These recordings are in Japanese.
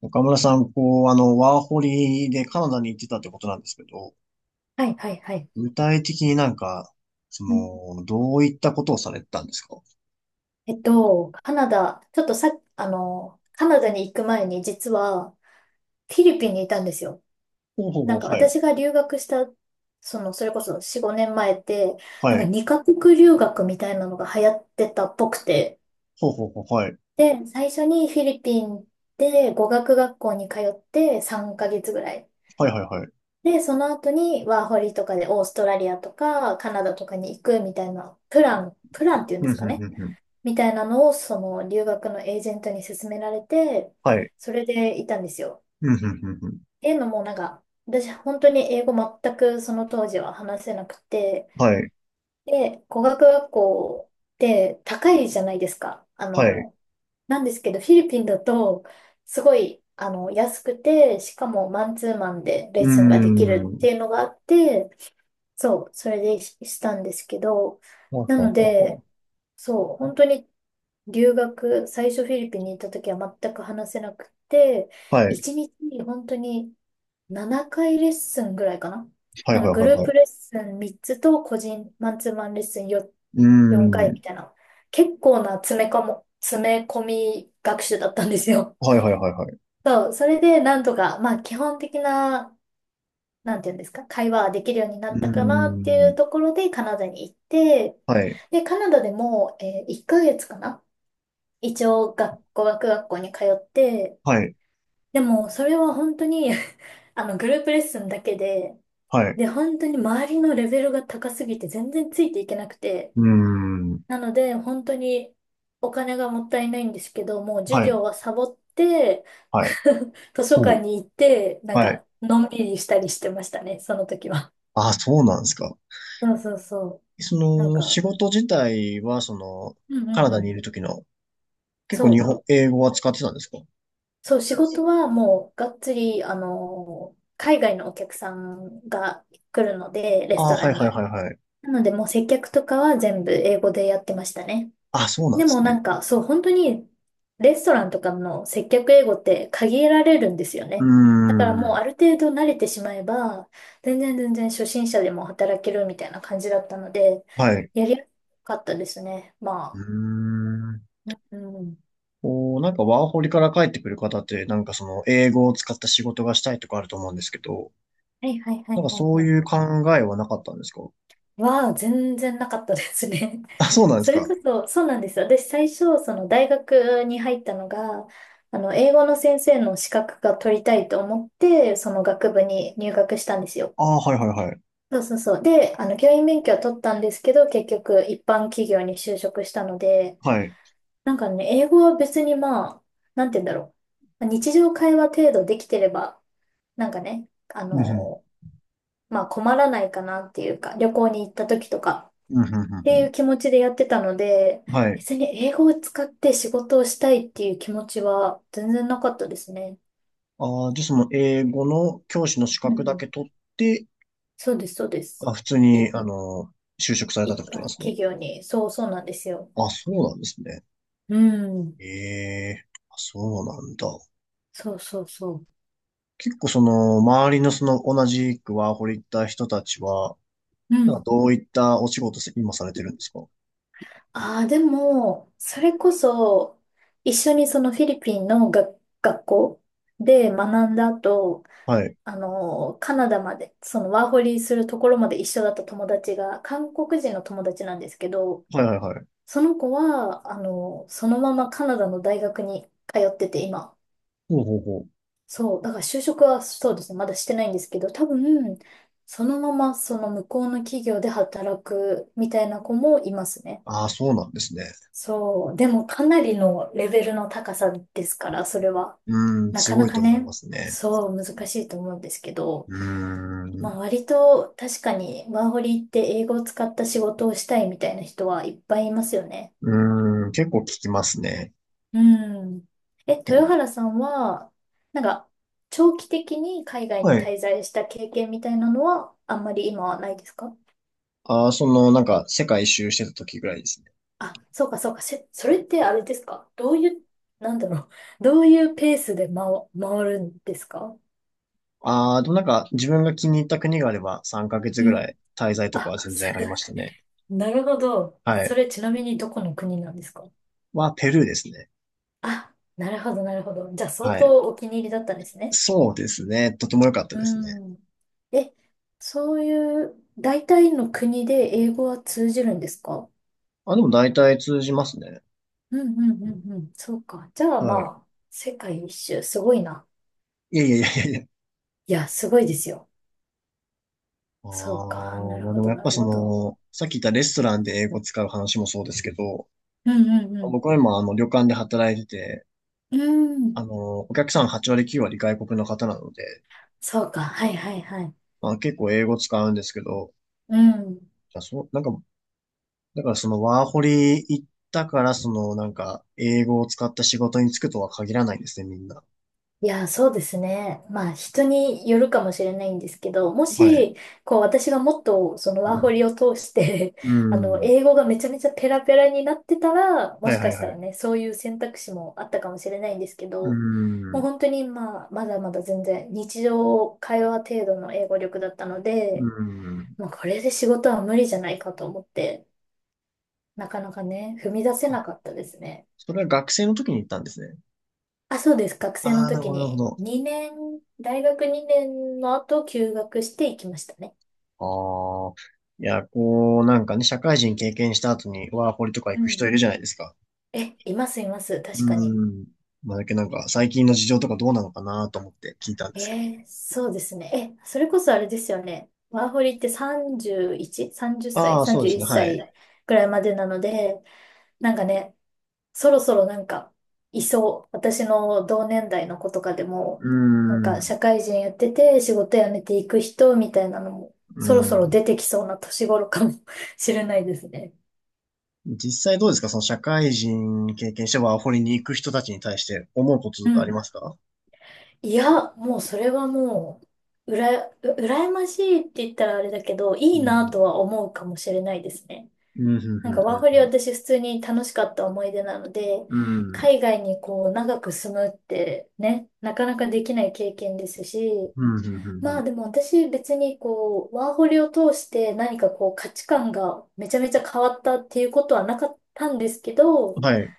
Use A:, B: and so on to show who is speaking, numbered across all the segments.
A: 岡村さん、こう、ワーホリでカナダに行ってたってことなんですけど、
B: はい、はい、はい。
A: 具体的になんか、そ
B: うん、
A: の、どういったことをされてたんですか？ほ
B: カナダ、ちょっとさ、カナダに行く前に実はフィリピンにいたんですよ。
A: うほう
B: な
A: ほ
B: んか
A: う、はい。
B: 私が留学した、それこそ4、5年前って、な
A: は
B: んか
A: い。
B: 2カ国留学みたいなのが流行ってたっぽくて。
A: ほうほうほう、はい。
B: で、最初にフィリピンで語学学校に通って3ヶ月ぐらい。
A: はいはいはい。
B: で、その後にワーホリとかでオーストラリアとかカナダとかに行くみたいなプランっていうんで
A: うん、
B: すか
A: ふんふ
B: ね。
A: んふん。
B: みたいなのを、その留学のエージェントに勧められて、
A: はい。
B: それでいたんですよ。
A: うん、ふんふんふん。
B: っていうのも、なんか、私、本当に英語全くその当時は話せなくて、
A: はい。
B: で、語学学校って高いじゃないですか。
A: はい。
B: なんですけど、フィリピンだと、すごい、安くて、しかもマンツーマンでレ
A: う
B: ッ
A: ー
B: スンがで
A: ん。
B: き
A: は
B: るっ
A: い
B: ていうのがあって、そう、それでししたんですけど、
A: はい
B: な
A: はい
B: の
A: はい。
B: で、そう、本当に留学、最初フィリピンに行った時は全く話せなくて、
A: はい。
B: 一日にちに本当に7回レッスンぐらいかな。
A: はい
B: な
A: は
B: んか
A: い
B: グ
A: は
B: ルー
A: いは
B: プ
A: い。
B: レッスン3つと個人マンツーマンレッスン4、
A: うー
B: 4回
A: ん。
B: みたいな。結構な詰め込み学習だったんですよ。
A: はいはいはいはい。
B: そう、それでなんとか、まあ基本的な、なんていうんですか、会話はできるようにな
A: うー
B: ったかなっていう
A: ん。
B: ところでカナダに行って、
A: はい。
B: で、カナダでも、1ヶ月かな、一応語学学校に通って、
A: はい。
B: でもそれは本当に あのグループレッスンだけで、
A: はい。
B: で本当に周りのレベルが高すぎて全然ついていけなくて、
A: うーん。
B: なので本当にお金がもったいないんですけど、もう授
A: はい。
B: 業はサボって
A: はい。
B: 図書
A: ほ
B: 館
A: う。
B: に行って、なん
A: はい。
B: かのんびりしたりしてましたね、その時は。
A: あ、そうなんですか。
B: そうそうそ
A: そ
B: う。なん
A: の、
B: か、
A: 仕事自体は、その、
B: うんう
A: カナ
B: んう
A: ダにい
B: ん。
A: る時の、結構
B: そ
A: 日本、
B: う。
A: 英語は使ってたんですか？
B: そう、仕
A: そう、仕
B: 事
A: 事
B: は
A: が。
B: もうがっつり、海外のお客さんが来るので、レス
A: あ
B: ト
A: ー
B: ラ
A: はい
B: ン
A: はい
B: に。
A: はいはい。
B: なので、もう接客とかは全部英語でやってましたね。
A: あ、そうなん
B: で
A: で
B: も
A: す
B: なん
A: ね。
B: か、そう、本当にレストランとかの接客英語って限られるんですよ
A: うー
B: ね。だからもうあ
A: ん。
B: る程度慣れてしまえば、全然全然初心者でも働けるみたいな感じだったので、
A: はい。
B: やりやすかったですね。
A: う
B: ま
A: ーん。
B: あ。うん。
A: こう、なんかワーホリから帰ってくる方って、なんかその英語を使った仕事がしたいとかあると思うんですけど、
B: はいはいはい
A: なんか
B: は
A: そ
B: い
A: う
B: はい。
A: いう考えはなかったんですか？
B: は全然なかったですね。
A: あ、そうな んです
B: それ
A: か。
B: こそ、そうなんです、私最初、その大学に入ったのが、英語の先生の資格が取りたいと思って、その学部に入学したんですよ。
A: ああ、はいはいはい。
B: そうそうそう。で、教員免許は取ったんですけど、結局一般企業に就職したので、
A: はい。
B: なんかね、英語は別にまあ、なんて言うんだろう。日常会話程度できてれば、なんかね、
A: うんふん。
B: まあ困らないかなっていうか、旅行に行った時とか、
A: うんふんふ
B: っ
A: んふ
B: てい
A: ん。
B: う気持ちでやってたので、
A: はい。
B: 別に英語を使って仕事をしたいっていう気持ちは全然なかったですね。
A: ああ、じゃあその英語の教師の資
B: うんう
A: 格だけ
B: ん。
A: 取って、
B: そうです、そうです。
A: あ、普通
B: い、
A: に、就職されたって
B: 一
A: ことなん
B: 般
A: です
B: 企
A: ね。
B: 業に。そうそうなんですよ。
A: あ、そうなんですね。
B: うん。
A: ええ、あ、そうなんだ。
B: そうそうそう。
A: 結構その、周りのその、同じくワーホリ行った人たちは、
B: う
A: なんか
B: ん。
A: どういったお仕事せ今されてるんですか？
B: ああ、でも、それこそ、一緒にそのフィリピンの学校で学んだ後、
A: はい。
B: カナダまで、そのワーホリするところまで一緒だった友達が、韓国人の友達なんですけど、
A: はいはいはい。
B: その子は、そのままカナダの大学に通ってて、今。
A: ほうほうほう。
B: そう、だから就職はそうですね、まだしてないんですけど、多分、そのままその向こうの企業で働くみたいな子もいますね。
A: ああ、そうなんですね。
B: そう、でもかなりのレベルの高さですから、それは。
A: うーん、
B: な
A: す
B: か
A: ご
B: な
A: い
B: か
A: と思いま
B: ね、
A: すね。
B: そう、難しいと思うんですけど、
A: うーん。
B: まあ割と確かにワーホリって英語を使った仕事をしたいみたいな人はいっぱいいますよね。
A: うーん、結構聞きますね。
B: うん。え、豊
A: え、
B: 原さんは、なんか、長期的に海外
A: は
B: に
A: い。
B: 滞在した経験みたいなのは、あんまり今はないですか？
A: ああ、その、なんか、世界一周してた時ぐらいですね。
B: あ、そうかそうか。それってあれですか？どういう、なんだろう。どういうペースで回るんですか？
A: ああ、でもなんか自分が気に入った国があれば3ヶ月ぐ
B: う
A: ら
B: ん。
A: い滞在とか
B: あ、
A: は全
B: そ
A: 然あり
B: れ、
A: ましたね。
B: なるほど。
A: は
B: そ
A: い。
B: れちなみにどこの国なんですか？
A: は、ペルーですね。
B: あ、なるほど、なるほど。じゃあ相
A: はい。
B: 当お気に入りだったんですね。
A: そうですね。とても良かった
B: う
A: ですね。
B: ん。え、そういう、大体の国で英語は通じるんですか？
A: あ、でも大体通じますね。
B: うんうんうんうん。そうか。じゃあ
A: はい。
B: まあ、世界一周、すごいな。
A: いやいやいやいやいや。
B: いや、すごいですよ。
A: あ
B: そうか。な
A: あ、
B: る
A: まあで
B: ほ
A: も
B: ど、
A: やっ
B: な
A: ぱ
B: る
A: そ
B: ほど。
A: の、さっき言ったレストランで英語使う話もそうですけど、
B: うんう
A: 僕
B: ん
A: は今旅館で働いてて、
B: うん。うん。
A: お客さん8割9割外国の方なので、
B: そうか。はいはいはい。
A: まあ結構英語使うんですけど、
B: うん。
A: じゃあそう、なんかだからそのワーホリ行ったから、そのなんか英語を使った仕事に就くとは限らないですね、みんな。
B: いや、そうですね。まあ、人によるかもしれないんですけど、も
A: はい。
B: し、こう、私がもっと、そのワーホリを通して
A: う ん。
B: 英語がめちゃめちゃペラペラになってたら、も
A: はい
B: し
A: はい
B: かした
A: は
B: ら
A: い。
B: ね、そういう選択肢もあったかもしれないんですけ
A: う
B: ど、もう
A: ん。
B: 本当に、まあ、まだまだ全然、日常会話程度の英語力だったの
A: う
B: で、
A: ん。
B: もうこれで仕事は無理じゃないかと思って、なかなかね、踏み出せ
A: あ、
B: なかったですね。
A: それは学生の時に行ったんですね。
B: あ、そうです。学
A: あ
B: 生の
A: あ、なる
B: 時
A: ほど、なるほ
B: に
A: ど。
B: 2年、大学2年の後休学して行きましたね。
A: ああ。いや、こう、なんかね、社会人経験した後にワーホリとか
B: う
A: 行く人
B: ん。
A: いるじゃないですか。
B: え、いますいます。
A: う
B: 確かに。
A: ん。まあ、だけどなんか最近の事情とかどうなのかなと思って聞いたんですけど。
B: そうですね。それこそあれですよね。ワーホリって 31? 30歳
A: ああ、そうですね、
B: ?31
A: はい。
B: 歳くらいまでなので、なんかね、そろそろなんか、いそう。私の同年代の子とかでも、
A: う
B: なんか
A: ん。
B: 社会人やってて仕事辞めていく人みたいなのも、
A: う
B: そろそろ
A: ん。
B: 出てきそうな年頃かも しれないですね。
A: 実際どうですか、その社会人経験してワーホリに行く人たちに対して思うことと
B: う
A: かあり
B: ん。
A: ますか？
B: いや、もうそれはもう、うら、う羨ましいって言ったらあれだけど、い
A: う
B: いな
A: ん。
B: とは思うかもしれないですね。
A: うん、う
B: なんかワー
A: ん、
B: ホリは私普通に楽しかった思い出なので、
A: うん、うん。
B: 海外にこう長く住むってね、なかなかできない経験ですし、
A: うん、うん、うん、うん。
B: まあ
A: ん、
B: でも私別にこう、ワーホリを通して何かこう価値観がめちゃめちゃ変わったっていうことはなかったんですけ
A: ふ
B: ど、
A: ん、はい。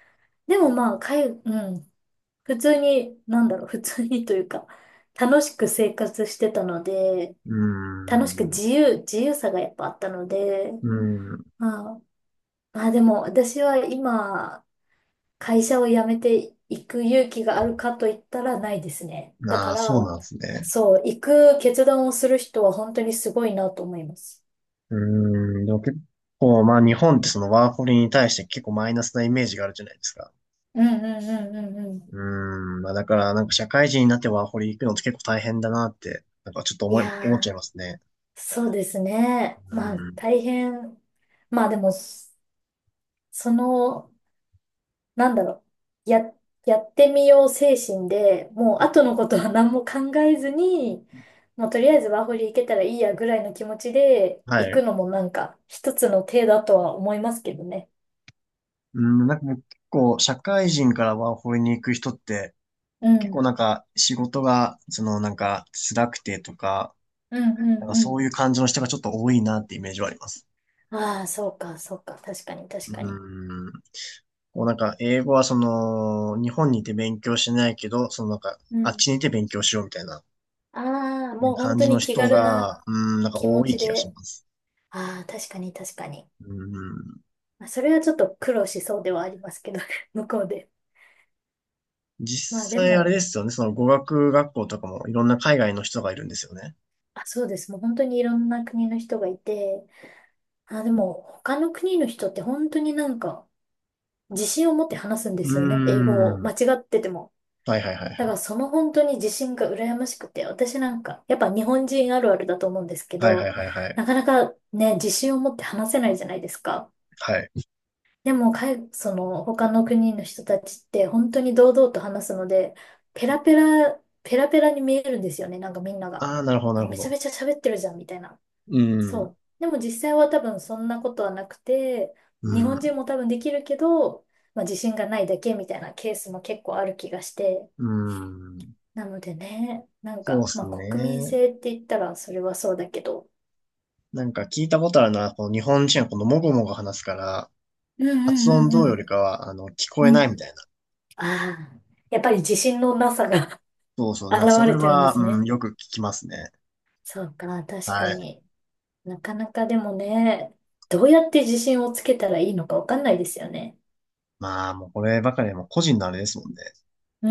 B: でもまあ、うん、普通に、なんだろう、普通にというか、楽しく生活してたので、
A: う
B: 楽しく
A: ん。
B: 自由さがやっぱあったので、
A: う
B: まあ、まあでも私は今、会社を辞めていく勇気があるかと言ったらないですね。
A: ん。
B: だ
A: あ
B: か
A: あ、そう
B: ら、
A: なんですね。
B: そう、行く決断をする人は本当にすごいなと思います。
A: うん。でも結構、まあ日本ってそのワーホリに対して結構マイナスなイメージがあるじゃないですか。
B: うんうんうんうんう
A: うん。まあだからなんか社会人になってワーホリ行くのって結構大変だなって、なんかちょっと
B: ん。い
A: 思っちゃ
B: や
A: いま
B: ー、
A: すね。
B: そうですね。まあ
A: うん。
B: 大変。まあでも、その、なんだろう、や、やってみよう精神で、もう後のことは何も考えずに、もうとりあえずワーホリ行けたらいいやぐらいの気持ちで
A: は
B: 行
A: い。
B: くのもなんか一つの手だとは思いますけどね。
A: うん、なんかもう結構社会人からワーホリに行く人って
B: う
A: 結構
B: ん。
A: なんか仕事がそのなんか辛くてとか、
B: うんう
A: なんか
B: ん
A: そ
B: う
A: ういう感じの人がちょっと多いなってイメージはあります。
B: ん。ああ、そうか、そうか。確かに、確かに。
A: うん。こうなんか英語はその日本にいて勉強しないけど、そのなんか
B: う
A: あっ
B: ん。
A: ちにいて勉強しようみたいな
B: ああ、
A: ね
B: もう本
A: 感
B: 当
A: じの
B: に気
A: 人
B: 軽な
A: が、うん、なんか
B: 気持
A: 多い
B: ち
A: 気がし
B: で。
A: ます。
B: ああ、確かに、確かに。
A: うん。
B: まあ、それはちょっと苦労しそうではありますけど、向こうで。まあ
A: 実
B: で
A: 際あれで
B: も、
A: すよね、その語学学校とかもいろんな海外の人がいるんですよね。
B: あ、そうです。もう本当にいろんな国の人がいて、あ、でも他の国の人って本当になんか自信を持って話すんで
A: う
B: すよね。英語を
A: ん。
B: 間
A: は
B: 違ってても。
A: いはいはいは
B: だから
A: い。
B: その本当に自信が羨ましくて、私なんか、やっぱ日本人あるあるだと思うんですけ
A: はいはい
B: ど、
A: はいはい。
B: なかなかね、自信を持って話せないじゃないですか。
A: はい。
B: でも、その他の国の人たちって本当に堂々と話すので、ペラペラ、ペラペラに見えるんですよね。なんかみんなが。
A: ああ、なるほど、な
B: あ、
A: るほ
B: めちゃ
A: ど。
B: めちゃ喋ってるじゃん、みたいな。
A: うん。
B: そう。でも実際は多分そんなことはなくて、
A: う
B: 日本
A: ん。
B: 人も多分できるけど、まあ、自信がないだけみたいなケースも結構ある気がして。
A: うん。
B: なのでね、なん
A: そうで
B: か、ま
A: す
B: あ国民
A: ね。
B: 性って言ったらそれはそうだけど。
A: なんか聞いたことあるのは、この日本人はこのもごもご話すから、
B: うんう
A: 発音
B: んう
A: ど
B: んう
A: うよりか
B: ん。
A: は、聞こえ
B: う
A: な
B: ん。
A: いみたいな。
B: ああ、やっぱり自信のなさが
A: そうそ う。な
B: 現
A: んかそれ
B: れてるんで
A: は、
B: す
A: うん、
B: ね。
A: よく聞きますね。
B: そうか、確か
A: はい。
B: に。なかなかでもね、どうやって自信をつけたらいいのかわかんないですよね。
A: まあ、もうこればかりはもう個人のあれですもんね。
B: う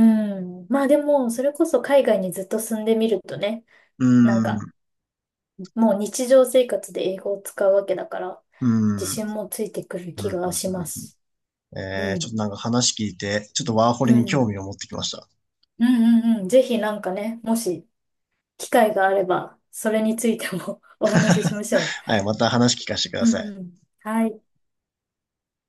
B: ん。まあでも、それこそ海外にずっと住んでみるとね、
A: う
B: なんか、
A: ん。
B: もう日常生活で英語を使うわけだから、
A: う
B: 自
A: ん。
B: 信もついてくる
A: う
B: 気
A: ん
B: がしま
A: うん
B: す。
A: うん、え
B: う
A: ー、ちょっと
B: ん。
A: なんか話聞いて、ちょっとワーホ
B: う
A: リに興
B: ん。
A: 味を持ってきました。
B: うんうんうん。ぜひなんかね、もし機会があれば、それについても お話ししましょう。
A: はい、また話聞かせてくだ
B: う
A: さ
B: んう
A: い。
B: ん。はい。